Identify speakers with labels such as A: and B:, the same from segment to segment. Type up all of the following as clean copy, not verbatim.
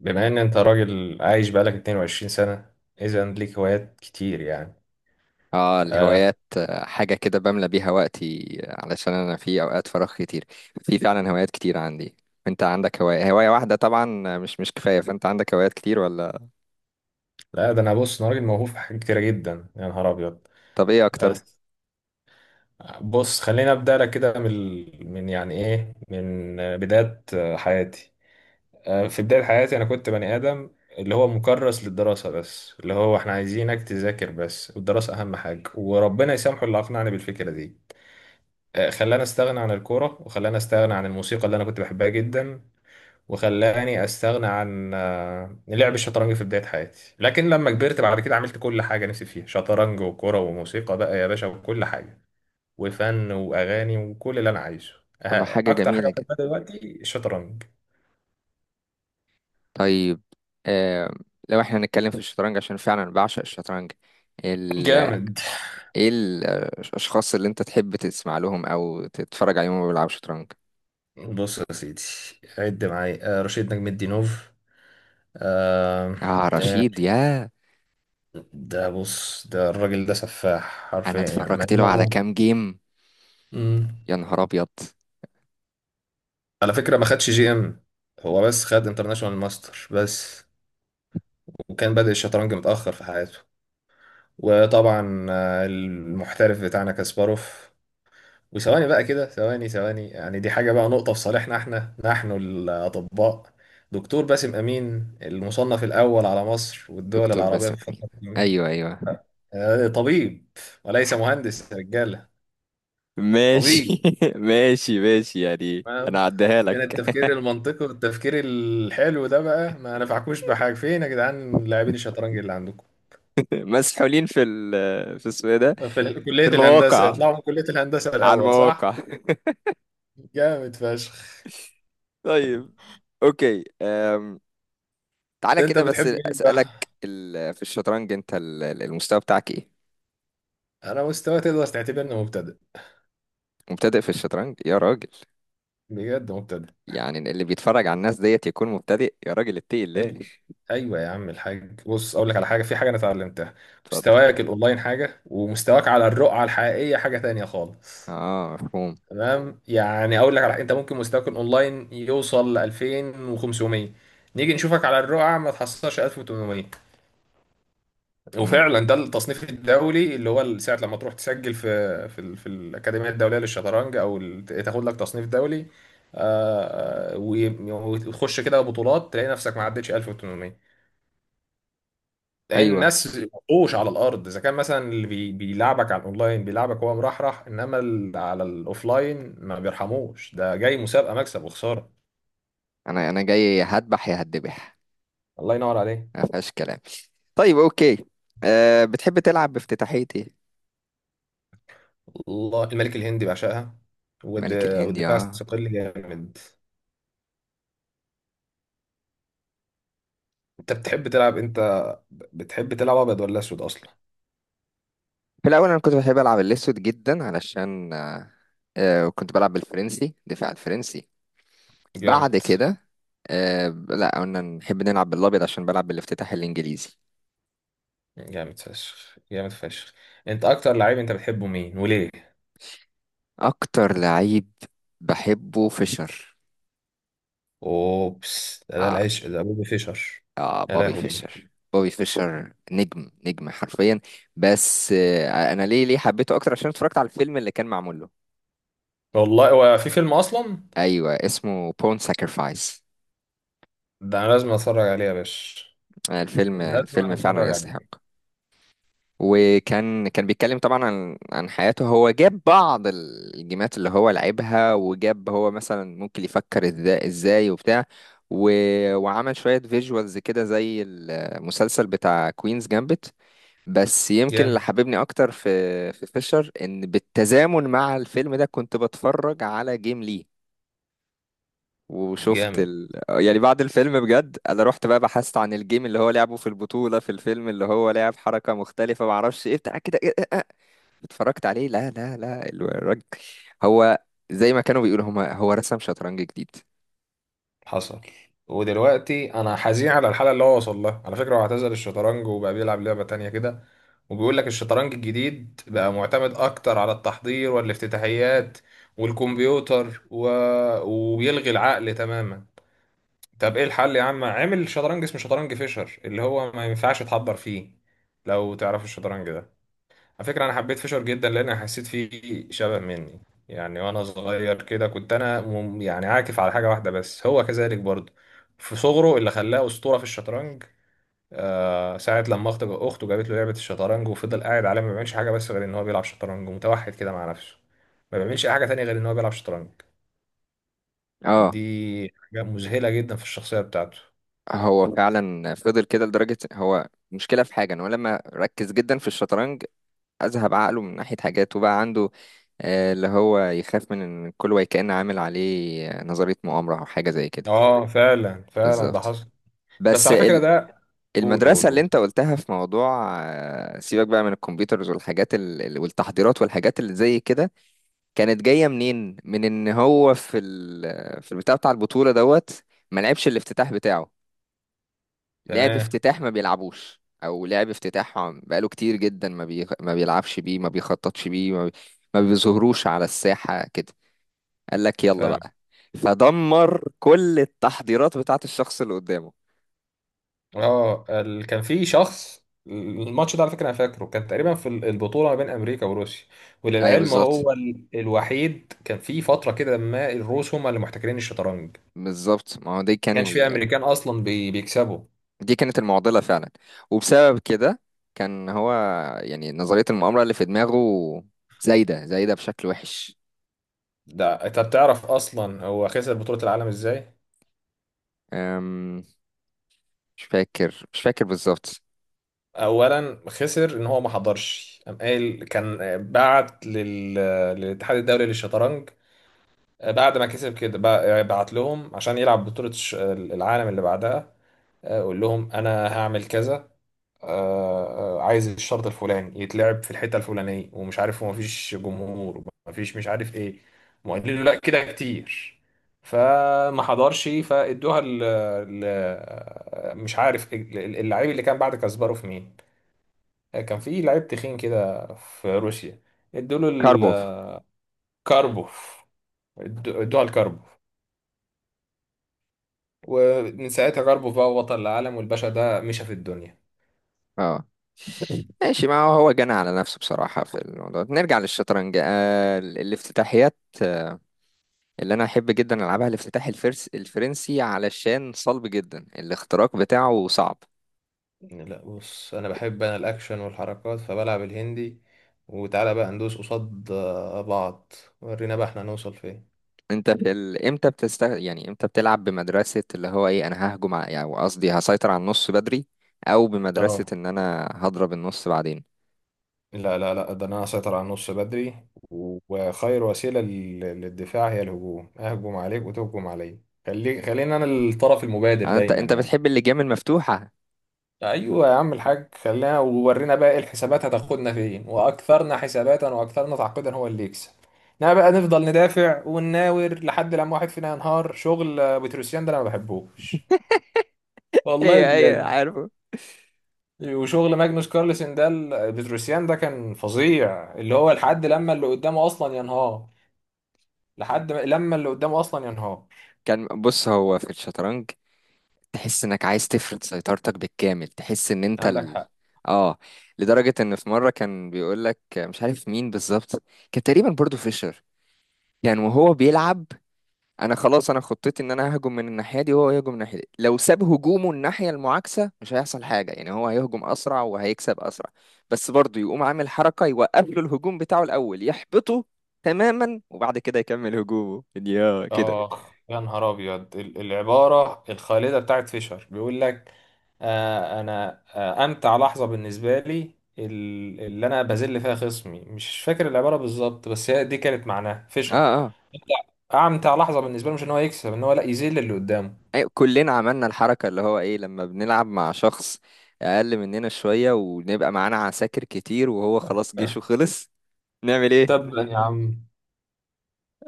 A: بما ان انت راجل عايش بقالك 22 سنة، اذا ليك هوايات كتير يعني.
B: اه
A: آه
B: الهوايات، حاجة كده بملى بيها وقتي، علشان انا في اوقات فراغ كتير. في فعلا هوايات كتير عندي. انت عندك هواية واحدة طبعا، مش كفاية، فانت عندك هوايات كتير ولا؟
A: لا، ده انا بص، انا راجل موهوب في حاجات كتيرة جدا يا نهار ابيض.
B: طب ايه اكتر؟
A: بس بص، خليني ابدا لك كده من يعني ايه، من بداية حياتي. آه في بداية حياتي، انا كنت بني ادم اللي هو مكرس للدراسة بس، اللي هو احنا عايزينك تذاكر بس والدراسة اهم حاجة، وربنا يسامحه اللي اقنعني بالفكرة دي. خلاني استغنى عن الكورة، وخلاني استغنى عن الموسيقى اللي انا كنت بحبها جدا، وخلاني استغنى عن لعب الشطرنج في بداية حياتي. لكن لما كبرت بعد كده، عملت كل حاجة نفسي فيها: شطرنج وكرة وموسيقى بقى يا باشا وكل حاجة، وفن واغاني وكل اللي انا عايزه.
B: طب ما حاجة
A: اكتر حاجة
B: جميلة
A: بحبها
B: جدا.
A: دلوقتي الشطرنج.
B: طيب. آه لو احنا هنتكلم في الشطرنج، عشان فعلا بعشق الشطرنج. ال...
A: جامد.
B: ايه الاشخاص اللي انت تحب تسمع لهم او تتفرج عليهم وهما بيلعبوا شطرنج؟
A: بص يا سيدي، عد معايا رشيد نجم الدين نوف. آه،
B: اه
A: آه،
B: رشيد يا...
A: ده بص، ده الراجل ده سفاح
B: انا
A: حرفيا، يعني مع
B: اتفرجت له على
A: انه
B: كام جيم.
A: مم.
B: يا نهار ابيض!
A: على فكرة ما خدش جي ام، هو بس خد انترناشونال ماستر بس، وكان بادئ الشطرنج متأخر في حياته. وطبعا المحترف بتاعنا كاسباروف. وثواني بقى كده، ثواني ثواني، يعني دي حاجة بقى، نقطة في صالحنا احنا نحن الأطباء. دكتور باسم أمين، المصنف الأول على مصر والدول
B: دكتور
A: العربية
B: باسم
A: في
B: امين؟
A: الفترة الأخيرة،
B: ايوه ايوه.
A: طبيب وليس مهندس يا رجالة. طبيب،
B: ماشي ماشي ماشي، يعني
A: فاهم؟
B: انا عديها لك
A: عشان التفكير المنطقي والتفكير الحلو ده بقى، ما نفعكوش بحاجة فين يا جدعان لاعبين الشطرنج اللي عندكم
B: مسحولين في ال... في اسمه إيه ده؟
A: في كلية
B: في
A: الهندسة؟
B: المواقع،
A: يطلعوا من كلية الهندسة
B: على
A: الأول
B: المواقع.
A: صح؟ جامد فشخ.
B: طيب، اوكي. تعالى
A: أنت
B: كده، بس
A: بتحب مين بقى؟
B: اسالك في الشطرنج، انت المستوى بتاعك ايه؟
A: أنا مستوى تقدر تعتبرني مبتدئ،
B: مبتدئ في الشطرنج يا راجل؟
A: بجد مبتدئ.
B: يعني اللي بيتفرج على الناس ديت يكون مبتدئ؟ يا راجل اتقي الله!
A: أيوه، أيوه يا عم الحاج، بص أقول لك على حاجة، في حاجة أنا اتعلمتها:
B: اتفضل.
A: مستواك الأونلاين حاجة، ومستواك على الرقعة الحقيقية حاجة تانية خالص.
B: اه، مفهوم.
A: تمام؟ يعني أقول لك على حاجة، أنت ممكن مستواك الأونلاين يوصل ل 2500، نيجي نشوفك على الرقعة ما تحصلش 1800.
B: مم.
A: وفعلا ده التصنيف الدولي، اللي هو ساعة لما تروح تسجل في في الأكاديمية الدولية للشطرنج، أو تاخد لك تصنيف دولي، وتخش كده بطولات، تلاقي نفسك ما عدتش 1800، لأن
B: ايوه.
A: الناس وحوش على الأرض. إذا كان مثلا اللي بيلعبك على الأونلاين بيلعبك هو مرحرح، إنما على الأوفلاين ما بيرحموش، ده جاي مسابقة مكسب وخسارة.
B: انا جاي يا هذبح يا هتذبح.
A: الله ينور عليه.
B: ما فيهاش كلام. طيب، اوكي. بتحب تلعب بافتتاحية ايه؟
A: الله، الملك الهندي بعشقها، والد-
B: ملك الهندي،
A: والدفاع
B: اه.
A: الثقيل جامد. انت بتحب تلعب انت، بتحب تلعب ابيض ولا اسود اصلا؟
B: في الاول انا كنت بحب العب الاسود جدا، علشان أه آه، كنت بلعب بالفرنسي، دفاع الفرنسي. بعد
A: جامد.
B: كده لا، قلنا نحب نلعب بالابيض عشان بلعب بالافتتاح الانجليزي.
A: جامد فشخ، جامد فشخ. انت اكتر لعيب انت بتحبه مين وليه؟
B: اكتر لعيب بحبه فيشر.
A: اوبس، ده
B: آه,
A: العشق ده، بوبي فيشر.
B: اه
A: يا
B: بوبي
A: لهوي،
B: فيشر، بوبي فيشر نجم نجم حرفيا. بس انا ليه حبيته اكتر، عشان اتفرجت على الفيلم اللي كان معمول له.
A: والله هو في فيلم اصلا؟
B: ايوه، اسمه بون ساكرفايس.
A: ده انا لازم اتفرج عليه يا باشا،
B: الفيلم
A: لازم
B: الفيلم فعلا
A: اتفرج
B: يستحق.
A: عليه.
B: وكان بيتكلم طبعا عن حياته. هو جاب بعض الجيمات اللي هو لعبها، وجاب هو مثلا ممكن يفكر ازاي وبتاع. و... وعمل شوية فيجوالز كده زي المسلسل بتاع كوينز جامبت. بس يمكن اللي
A: جامد،
B: حببني اكتر في فيشر، ان بالتزامن مع الفيلم ده كنت بتفرج على جيم ليه. وشفت
A: جامد.
B: يعني بعد الفيلم بجد انا رحت بقى بحثت عن الجيم اللي هو لعبه في البطولة في الفيلم، اللي هو لعب حركة مختلفة معرفش ايه بتاع كده. إيه إيه إيه. اتفرجت عليه. لا لا لا، الراجل هو، زي ما كانوا بيقولوا هما، هو رسم شطرنج جديد.
A: حصل. ودلوقتي انا حزين على الحاله اللي هو وصل لها، على فكره هو اعتزل الشطرنج وبقى بيلعب لعبه تانية كده، وبيقول لك الشطرنج الجديد بقى معتمد اكتر على التحضير والافتتاحيات والكمبيوتر، وبيلغي العقل تماما. طب ايه الحل؟ يا عم عامل شطرنج اسمه شطرنج فيشر اللي هو ما ينفعش تحضر فيه، لو تعرف الشطرنج ده. على فكرة أنا حبيت فيشر جدا لأن حسيت فيه شبه مني. يعني وأنا صغير كده كنت أنا يعني عاكف على حاجة واحدة بس، هو كذلك برضه في صغره، اللي خلاه أسطورة في الشطرنج. آه ساعة لما أخته جابت له لعبة الشطرنج، وفضل قاعد عليها ما بيعملش حاجة بس، غير إن هو بيلعب شطرنج ومتوحد كده مع نفسه، ما بيعملش أي حاجة تانية غير إن هو بيلعب شطرنج. دي
B: اه.
A: حاجة مذهلة جدا في الشخصية بتاعته.
B: هو فعلا فضل كده لدرجة، هو مشكلة في حاجة ان هو لما ركز جدا في الشطرنج، اذهب عقله من ناحية حاجات وبقى عنده اللي هو يخاف من ان كل واحد كأن عامل عليه نظرية مؤامرة او حاجة زي كده.
A: آه فعلا فعلا، ده
B: بالظبط.
A: حصل. بس
B: بس.
A: على فكرة ده، قول قول
B: المدرسة اللي
A: قول.
B: انت قلتها في موضوع، سيبك بقى من الكمبيوترز والحاجات والتحضيرات والحاجات اللي زي كده، كانت جاية منين؟ من ان هو في في البتاع بتاع البطولة دوت، ما لعبش الافتتاح بتاعه، لعب
A: تمام،
B: افتتاح ما بيلعبوش، او لعب افتتاح بقاله كتير جدا ما ما بيلعبش بيه، ما بيخططش بيه، ما بيظهروش على الساحة كده. قال لك يلا
A: فاهم.
B: بقى، فدمر كل التحضيرات بتاعت الشخص اللي قدامه.
A: اه كان في شخص، الماتش ده على فكره انا فاكره كان تقريبا في البطوله ما بين امريكا وروسيا.
B: ايوه،
A: وللعلم
B: بالظبط.
A: هو الوحيد، كان في فتره كده ما الروس هم اللي محتكرين الشطرنج، ما
B: بالظبط، ما هو دي كان،
A: كانش في امريكان اصلا بيكسبوا.
B: دي كانت المعضلة فعلا. وبسبب كده كان هو، يعني نظرية المؤامرة اللي في دماغه زايدة زايدة بشكل وحش.
A: ده انت بتعرف اصلا هو خسر بطوله العالم ازاي؟
B: أم، مش فاكر، مش فاكر بالظبط.
A: اولا خسر ان هو ما حضرش. قام قايل، كان بعت للاتحاد الدولي للشطرنج بعد ما كسب كده، بعت لهم عشان يلعب بطوله العالم اللي بعدها، اقول لهم انا هعمل كذا، عايز الشرط الفلاني يتلعب في الحته الفلانيه، ومش عارف هو مفيش جمهور ومفيش مش عارف ايه. وقال له لا كده كتير، فما حضرش، فادوها ال، مش عارف اللعيب اللي كان بعد كاسباروف مين، كان في لعيب تخين كده في روسيا، ادوا له،
B: كاربوف.
A: الكاربوف، ادوها الكاربوف. ومن ساعتها كاربوف بقى بطل العالم، والباشا ده مشى في الدنيا.
B: اه، ماشي. ما هو جنى على نفسه بصراحة في الموضوع ده. نرجع للشطرنج، الافتتاحيات، آه، اللي أنا أحب جدا ألعبها الافتتاح الفرس الفرنسي، علشان صلب جدا، الاختراق بتاعه صعب.
A: لا بص، انا بحب انا الاكشن والحركات، فبلعب الهندي. وتعالى بقى ندوس قصاد بعض، ورينا بقى احنا هنوصل فين.
B: انت في امتى بتست يعني امتى بتلعب بمدرسة اللي هو ايه، انا ههجم يعني قصدي هسيطر على النص بدري، او بمدرسة
A: اه،
B: ان انا هضرب النص بعدين؟
A: لا لا لا، ده انا اسيطر على النص بدري، وخير وسيله للدفاع هي الهجوم، اهجم عليك وتهجم عليا. خلينا انا الطرف المبادر
B: يعني انت
A: دايما يعني.
B: بتحب اللجام المفتوحة؟
A: ايوه يا عم الحاج، خلينا، وورينا بقى ايه، الحسابات هتاخدنا فين، واكثرنا حساباتا واكثرنا تعقيدا هو اللي يكسب. انما بقى نفضل ندافع ونناور لحد لما واحد فينا ينهار، شغل بتروسيان ده انا ما بحبوش، والله
B: ايوه ايوه،
A: بجد.
B: عارفه.
A: وشغل ماجنوس كارلسن ده، بتروسيان ده كان فظيع، اللي هو لحد لما اللي قدامه اصلا ينهار، لحد لما اللي قدامه اصلا ينهار.
B: كان بص، هو في الشطرنج، تحس انك عايز تفرض سيطرتك بالكامل، تحس ان انت
A: عندك
B: ال...
A: حق.
B: اه لدرجة ان في مرة كان بيقول لك مش عارف مين بالظبط، كان تقريبا برضو فيشر. كان وهو بيلعب، انا خلاص، انا خطتي ان انا ههجم من الناحيه دي وهو يهجم من الناحيه دي، لو ساب هجومه الناحيه المعاكسه مش هيحصل حاجه، يعني هو هيهجم اسرع وهيكسب اسرع. بس برضه يقوم عامل حركه يوقف له الهجوم بتاعه الاول يحبطه تماما، وبعد كده يكمل هجومه يا كده.
A: آخ يا نهار أبيض، العبارة الخالدة بتاعت فيشر، بيقول لك أنا أمتع لحظة بالنسبة لي اللي أنا بذل فيها خصمي، مش فاكر العبارة بالظبط بس هي دي كانت معناها
B: اه،
A: فيشر.
B: اه.
A: أمتع لحظة بالنسبة له، مش إن هو يكسب، إن هو لا يذل اللي قدامه.
B: أيوة، كلنا عملنا الحركه، اللي هو ايه، لما بنلعب مع شخص اقل مننا شويه ونبقى معانا عساكر كتير وهو خلاص جيشه خلص، نعمل ايه؟
A: طب يا عم،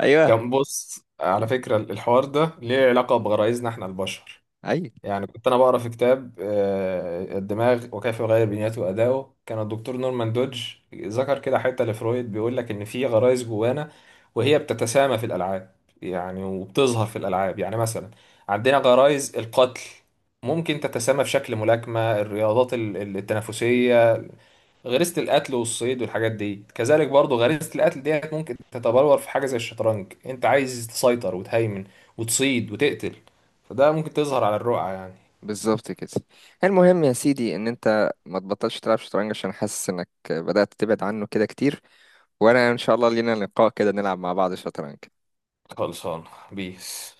B: ايوه
A: كان بص على فكرة، الحوار ده ليه علاقة بغرائزنا إحنا البشر.
B: ايوه،
A: يعني كنت انا بقرا في كتاب الدماغ وكيف يغير بنيته وادائه، كان الدكتور نورمان دودج ذكر كده حته لفرويد، بيقول لك ان في غرايز جوانا، وهي بتتسامى في الالعاب، يعني وبتظهر في الالعاب. يعني مثلا عندنا غرايز القتل، ممكن تتسامى في شكل ملاكمه، الرياضات التنافسيه، غريزه القتل والصيد والحاجات دي. كذلك برضو غريزه القتل ديت ممكن تتبلور في حاجه زي الشطرنج، انت عايز تسيطر وتهيمن وتصيد وتقتل، فده ممكن تظهر على الرقعه يعني.
B: بالظبط كده. المهم يا سيدي، ان انت ما تبطلش تلعب شطرنج، عشان حاسس انك بدأت تبعد عنه كده كتير. وانا ان شاء الله لينا لقاء كده نلعب مع بعض شطرنج.
A: خلصان، بيس.